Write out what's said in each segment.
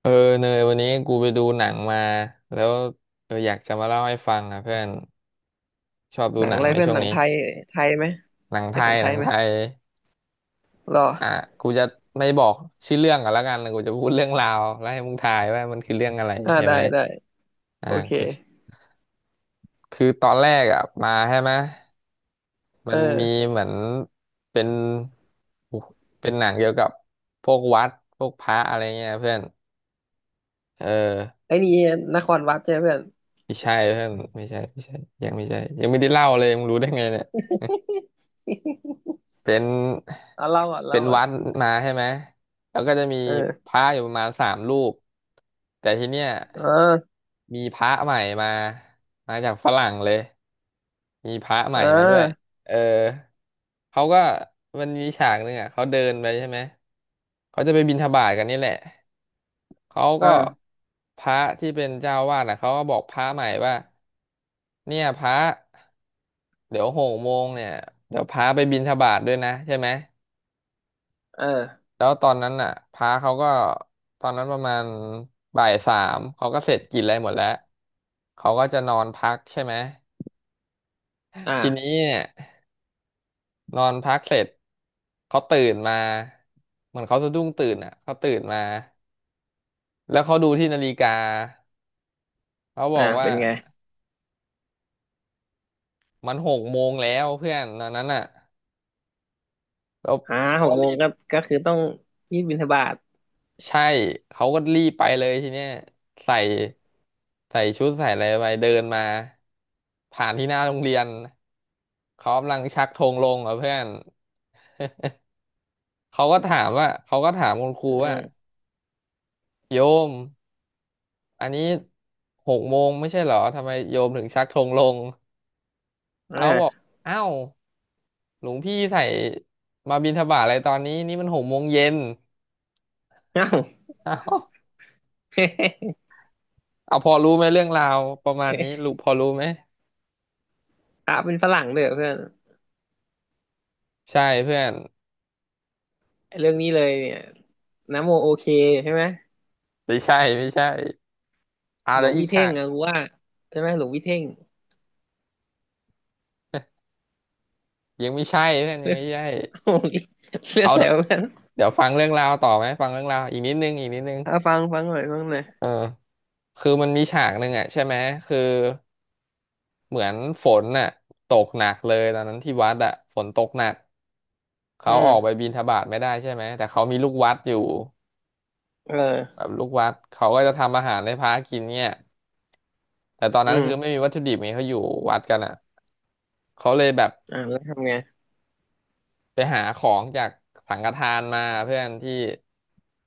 เออเนยวันนี้กูไปดูหนังมาแล้วอยากจะมาเล่าให้ฟังอ่ะเพื่อนชอบดูหนังหนัอะงไรไหมเพื่อนช่วหงนังนี้ไทยไทยไหมหนังไทใช่ขอยงไทหนัยงไหมไทยรออ่ะกูจะไม่บอกชื่อเรื่องกันแล้วกันกูจะพูดเรื่องราวแล้วให้มึงทายว่ามันคือเรื่องอะไรอ่าใช่ได้ไหมได้อ่ะโอเคกูคือตอนแรกอ่ะมาใช่ไหมเมันมีออเหมือนเป็นเป็นหนังเกี่ยวกับพวกวัดพวกพระอะไรเงี้ยเพื่อนเออไอ้นี่นครวัดใช่ไหมเพื่อน ไม่ใช่เพื่อนไม่ใช่ยังไม่ใช่ยังไม่ได้เล่าเลยมึงรู้ได้ไงเนี่ย เป็นเอาเล่าก่อนเป็เล่านก่อนวัดมาใช่ไหม แล้วก็จะมีเอพอระอยู่ประมาณสามรูปแต่ทีเนี้ยเออมีพระใหม่มามาจากฝรั่งเลยมีพระใหเอม่อมาด้วยเออเขาก็มันมีฉากหนึ่งอ่ะเขาเดินไปใช่ไหม เขาจะไปบิณฑบาตกันนี่แหละ เขาเอก็อพระที่เป็นเจ้าวาดอ่ะเขาก็บอกพระใหม่ว่าเนี่ยพระเดี๋ยวหกโมงเนี่ยเดี๋ยวพระไปบิณฑบาตด้วยนะใช่ไหม เออแล้วตอนนั้นน่ะพระเขาก็ตอนนั้นประมาณบ่ายสามเขาก็เสร็จกินอะไรหมดแล้วเขาก็จะนอนพักใช่ไหมทีนี้อ่าเนี่ยนอนพักเสร็จเขาตื่นมาเหมือนเขาสะดุ้งตื่นอ่ะเขาตื่นมาแล้วเขาดูที่นาฬิกาเขาบอ่าอกว่าเป็นไงมันหกโมงแล้วเพื่อนตอนนั้นอ่ะแล้วอ่าเขาหก็กโมรี งก็ก็คือต้องรีบบิณฑบาตใช่เขาก็รีบไปเลยทีเนี้ยใส่ใส่ชุดใส่อะไรไปเดินมาผ่านที่หน้าโรงเรียนเขากำลังชักธงลงอ่ะเพื่อนเขาก็ถามว่าเขาก็ถามคุณครูอว่าโยมอันนี้หกโมงไม่ใช่เหรอทำไมโยมถึงชักธงลงาเขาบอ่าอกเอ้าวหลวงพี่ใส่มาบิณฑบาตอะไรตอนนี้นี่มันหกโมงเย็นเอ้า เอ้าเอาพอรู้ไหมเรื่องราวประมาณนี้รู้พอรู้ไหมพระเป็นฝรั่งด้วยเหรอเพื่อนใช่เพื่อน ไอ้เรื่องนี้เลยเนี่ยนะโมโอเคใช่ไหมไม่ใช่เอาหลแล้ววงอีกพี่เท่ค่ะงอะกูว่าใช่ไหมหลวงพี่เท่ง ยังไม่ใช่ท่าน ยัเรื่งองไม่ใช่้ เรื่องเอาอะไรเดี๋ยววะ เดี๋ยวฟังเรื่องราวต่อไหมฟังเรื่องราวอีกนิดนึงอ่ะฟังฟังหน่อยฟังหน่อยเออคือมันมีฉากหนึ่งอ่ะใช่ไหมคือเหมือนฝนน่ะตกหนักเลยตอนนั้นที่วัดอ่ะฝนตกหนักอืเขาออกไปมบิณฑบาตไม่ได้ใช่ไหมแต่เขามีลูกวัดอยู่เออแบบลูกวัดเขาก็จะทำอาหารให้พระกินเนี่ยแต่ตอนอืนั้นคือไม่มมีวัตถุดิบไงเขาอยู่วัดกันอ่ะเขาเลยแบบ อ่าแล้วทำไงไปหาของจากสังฆทานมาเพื่อนที่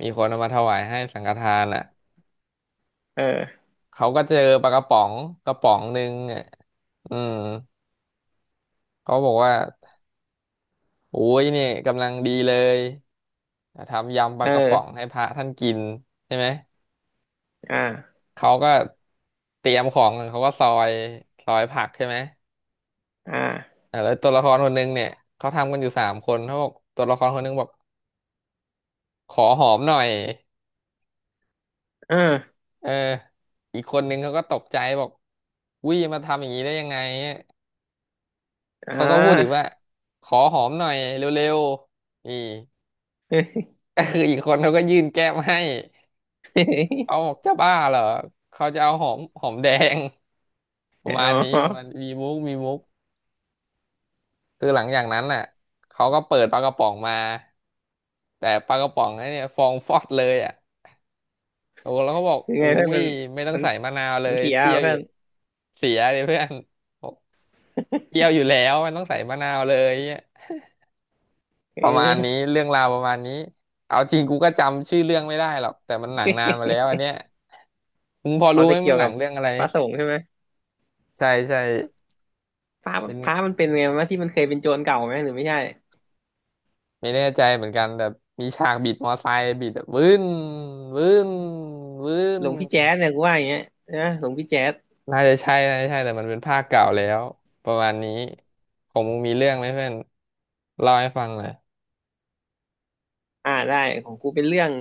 มีคนเอามาถวายให้สังฆทานอ่ะเออเขาก็เจอปลากระป๋องกระป๋องหนึ่งอ่ะอืมเขาบอกว่าโอ้ยเนี่ยกำลังดีเลยทำยำปลาเอกระป๋องอให้พระท่านกินใช่ไหมอ่าเขาก็เตรียมของเขาก็ซอยผักใช่ไหมอ่าอ่ะแล้วตัวละครคนหนึงเนี่ยเขาทำกันอยู่สามคนเขาบอกตัวละครคนหนึงบอกขอหอมหน่อย เอ่าเอออีกคนนึงเขาก็ตกใจบอกวิมาทำอย่างนี้ได้ยังไงอ่เขาก็พูดอีกว่าา ขอหอมหน่อยเร็วๆนี่ ก็คืออีกคนเขาก็ยื่นแก้มให้ เอาบอกจะบ้าเหรอเขาจะเอาหอมแดง ประมาอ๋ณนี้ประมาณอมีมุกคือหลังจากนั้นน่ะเขาก็เปิดปลากระป๋องมาแต่ปลากระป๋องนั้นเนี่ยฟองฟอดเลยอ่ะโอ้แล้วเขาบอกคือไงอุ้เพื่อนยไม่ต้อมังนใส่มะนาวเลมันยเสียเปรี้อ่ะยวอเพื่ยู่อนเสียเลยเพื่อน เปรี้ยวอยู่แล้วมันต้องใส่มะนาวเลยเนี่ยเประมาณนี้ออเรื่องราวประมาณนี้เอาจริงกูก็จำชื่อเรื่องไม่ได้หรอกแต่มันหนังนานมาแล้วอันเนี้ยมึงพออ๋อรู้ไหมจะเกี่มัยนวหนักับงเรื่องอะไรพระสงฆ์ใช่ไหมใช่พระเป็นพระมันเป็นไงวะที่มันเคยเป็นโจรเก่าไหมหรือไม่ใช่ไม่แน่ใจเหมือนกันแต่มีฉากบิดมอไซค์บิดแบบวื้นวื้หนลวงพี่แจ๊สเนี่ยกูว่าอย่างเงี้ยนะหลวงพี่แจ๊ส น่าจะใช่แต่มันเป็นภาคเก่าแล้วประมาณนี้ของมึงมีเรื่องไหมเพื่อนเล่าให้ฟังหน่อยอ่าได้ของกูเป็นเรื่อง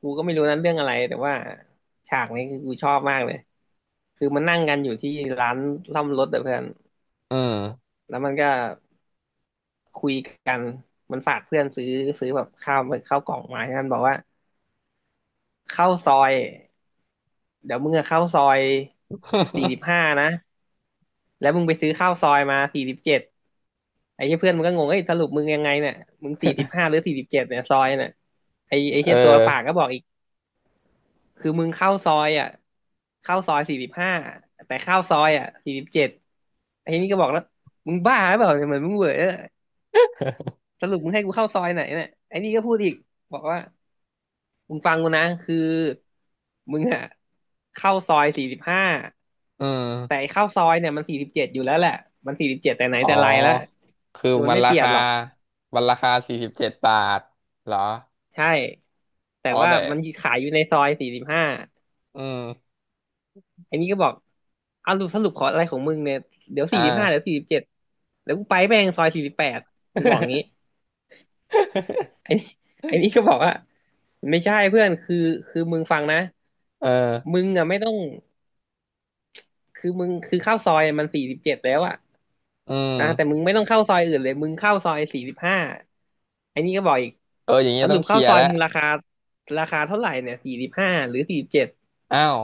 กูก็ไม่รู้นั้นเรื่องอะไรแต่ว่าฉากนี้คือกูชอบมากเลยคือมันนั่งกันอยู่ที่ร้านซ่อมรถแต่เพื่อนอืมแล้วมันก็คุยกันมันฝากเพื่อนซื้อแบบข้าวกล่องมาใช่ไหมมันบอกว่าเข้าซอยเดี๋ยวมึงอะเข้าซอยสี่สิบห้านะแล้วมึงไปซื้อข้าวซอยมาสี่สิบเจ็ดไอ้เหี้ยเพื่อนมันก็งงเอ้ยสรุปมึงยังไงเนี่ยมึงสี่สิบห้าหรือสี่สิบเจ็ดเนี่ยซอยเนี่ยไอ้เอเหี้อยตัวฝากก็บอกอีก คือมึงเข้าซอยอ่ะเข้าซอยสี่สิบห้าแต่เข้าซอยอ่ะสี่สิบเจ็ดไอ้นี่ก็บอกแล้วมึงบ้าหรือเปล่าเนี่ยเหมือนมึงเหวอสรุปมึงให้กูเข้าซอยไหนเนี่ยไอ้นี่ก็พูดอีกบอกว่ามึงฟังกูนะคือมึงอ่ะเข้าซอยสี่สิบห้าอืแต่ไอ้ม เข้าซอยเนี่ยมันสี่สิบเจ็ดอยู่แล้วแหละมันสี่สิบเจ็ดแต่ไหนอ๋แต่อไรแล้วคือคือมันมันไม่เปราลี่ยนคาหรอกมันราคาสี่สิบเจ็ดบาทเหรอใช่แต่อ๋อว่าแต่ มันขายอยู่ในซอยสี่สิบห้า อืม ไอ้นี่ก็บอกเอาสรุปสรุปขออะไรของมึงเนี่ยเดี๋ยวสี่อ่า สิบห้าเดี๋ยวสี่สิบเจ็ดเดี๋ยวกูไปแม่งซอยสี่สิบแปดมันบอกงี้ ไอ้นี่ไอ้นี่ก็บอกว่าไม่ใช่เพื่อนคือมึงฟังนะเออ มึงอ่ะไม่ต้องคือมึงคือเข้าซอยมันสี่สิบเจ็ดแล้วอ่ะอืนะแต่มึม งไม่ต้องเข้าซอยอื่นเลยมึงเข้าซอยสี่สิบห้าไอ้นี่ก็บอกอีกเอออย่างเงี้สยรุต้องปเคเข้าลียซร์อยแล้วมึงราคาเท่าไหร่เนี่ยสี่สิบห้าหรือสี่สิบเจ็ดอ้าว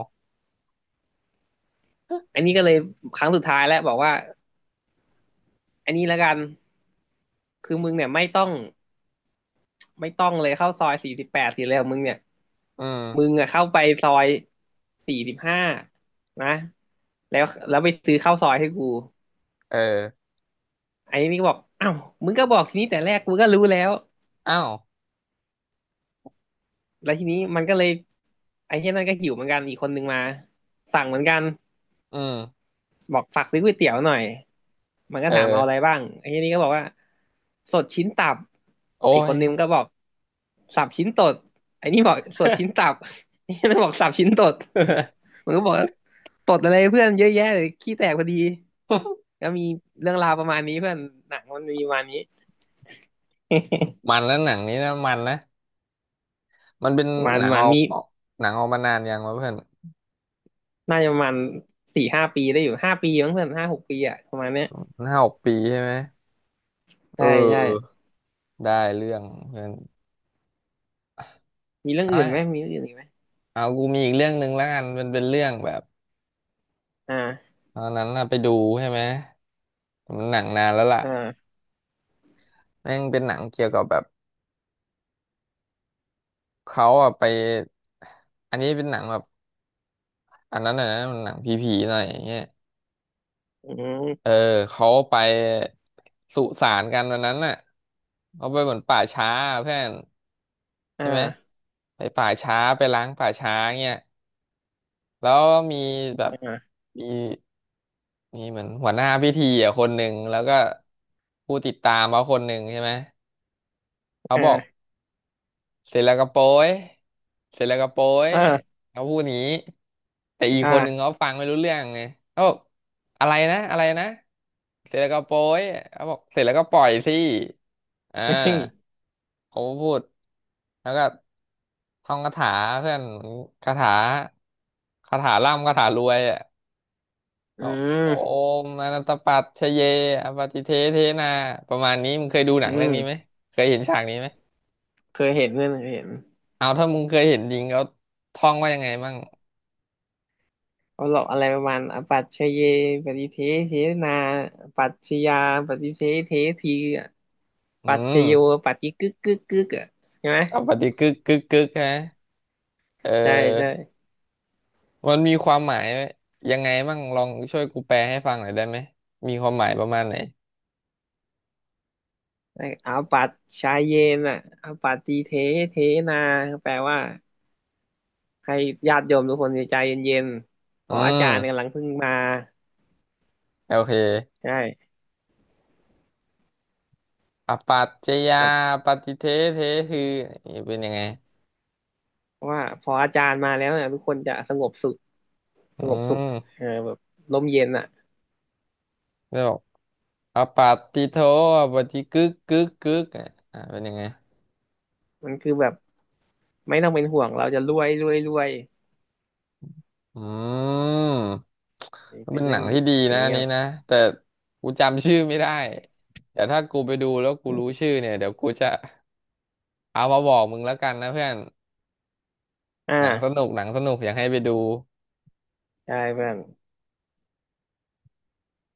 อันนี้ก็เลยครั้งสุดท้ายแล้วบอกว่า อันนี้ละกันคือมึงเนี่ยไม่ต้องไม่ต้องเลยเข้าซอยสี่สิบแปดสิเลยของมึงเนี่ยอืมึงมอะเข้าไปซอยสี่สิบห้านะแล้วแล้วไปซื้อข้าวซอยให้กูเออไอ้นี่ก็บอกอ้าวมึงก็บอกทีนี้แต่แรกกูก็รู้แล้วอ้าวแล้วทีนี้มันก็เลยไอ้เช่นนั้นก็หิวเหมือนกันอีกคนนึงมาสั่งเหมือนกัน อืมบอกฝากซื้อก๋วยเตี๋ยวหน่อยมันก็เอถามเอาอะไรอ บ้างไอ้ทีนี้ก็บอกว่าสดชิ้นตับโอ้ไอ้คย นนึงก็บอกสับชิ้นตดไอ้นี่บอกสดชิ้นตับไอ้นี่มันบอกสับชิ้นตดมันก็บอกว่าตดอะไรเพื่อนเยอะแยะเลยขี้แตกพอดี ก็มีเรื่องราวประมาณนี้เพื่อนหนังมันมีประมาณนี้มันแล้วหนังนี้นะมันนะมันเป็นประมาณหนัประงมาอณอกมีออกหนังออกมานานยังวะเพื่อนน่าจะประมาณสี่ห้าปีได้อยู่ห้าปีมั้งเพื่อนห้าหกปีอะประมาณเนี้ยห้าหกปีใช่ไหมเใช่ใช่ออ ได้เรื่องเพื่อนมีเรื่องอื่นไหมเอามีเรื่องอื่นอีกไหมเอา กูมีอีกเรื่องหนึ่งแล้วกันมันเป็นเรื่องแบบ อ่าตอนนั้นน่ะไปดูใช่ไหมมันหนังนานแล้วล่ะอ่าแม่งเป็นหนังเกี่ยวกับแบบเขาอะไปอันนี้เป็นหนังแบบอันนั้นน่ะนะมันหนังผีๆหน่อยอย่างเงี้ยอืเอมอเขาไปสุสานกันวันนั้นน่ะเขาไปเหมือนป่าช้าเพื่อนอใช่ไหม่าไปป่าช้าไปล้างป่าช้าเงี้ยแล้วมีแบบอ่ามีมีเหมือนหัวหน้าพิธีอ่ะคนหนึ่งแล้วก็ผู้ติดตามเขาคนหนึ่งใช่ไหมเขาบอก อ่า เสร็จแล้วก็โป้ยเสร็จแล้วก็โป้ยเออเขาพูดอย่างนี้แต่อีกอ่า คนหนึ่งเขาฟังไม่รู้เรื่องไงเขาบอกอะไรนะเสร็จแล้วก็โป้ยเขาบอกเสร็จแล้วก็ปล่อยสิอ่ อืามเขาก็พูดแล้วก็ท่องคาถาเพื่อนคาถาคาถาร่ำคาถารวยอ่ะเอาโอมอนันตปัจฉเยอปฏิเทเทนาประมาณนี้มึงเคยดูหนัอืงเรื่องนี้ไหมมเคยเห็นฉากนี้ไหม เคยเห็นเพื่อนเคยเห็นเอาถ้ามึงเคยเห็นลิงเขาท่องว่ายังไงมั่งเขาหลอกอะไรประมาณอปัจเชเยปฏิเทเทนาอปัจฉยาปฏิเทเททีอะอืปัจฉโยมปัฏิกึกกึกกึกอ่ะใช่ไหมเอาปฏิกึกกึกกึกฮะเใช่ใช่ออมันมีความหมายยังไงมั่งลองช่วยกูแปลให้ฟังหน่อยได้ไหมมีความหมายประมาณไหนไอ้อปัจชาเยนอ่ะอปัติเทเทนาแปลว่าให้ญาติโยมทุกคนใจเย็นๆเพอืราะอาจามรย์กำลังเพิ่งมาโอเคใช่อปัจจยาเรา ปฏิเทเทคือนี่เป็นยังไงเพราะว่าพออาจารย์มาแล้วเนี่ยทุกคนจะสงบสุขสอืงบสุขมเออแบบลมเย็นอ่ะแล้วบอกอปัตติโทอปฏิกึกกึกกึกอ่ะอ่ะเป็นยังไง มันคือแบบไม่ต้องเป็นห่วงเราจะรวยรวยรวยอืมก็เป็นเป็นหเรื่นัองงที่ดีอย่างนะอัเงี้นยนี้นะแต่กูจำชื่อไม่ได้เดี๋ยวถ้ากูไปดูแล้วกูรู้ชื่อเนี่ยเดี๋ยวกูจะเอามาบอกมึงแล้วกันนะเพื่อนอหนังส่านุกหนังสนุกอยากให้ไปดูใช่เพื่อน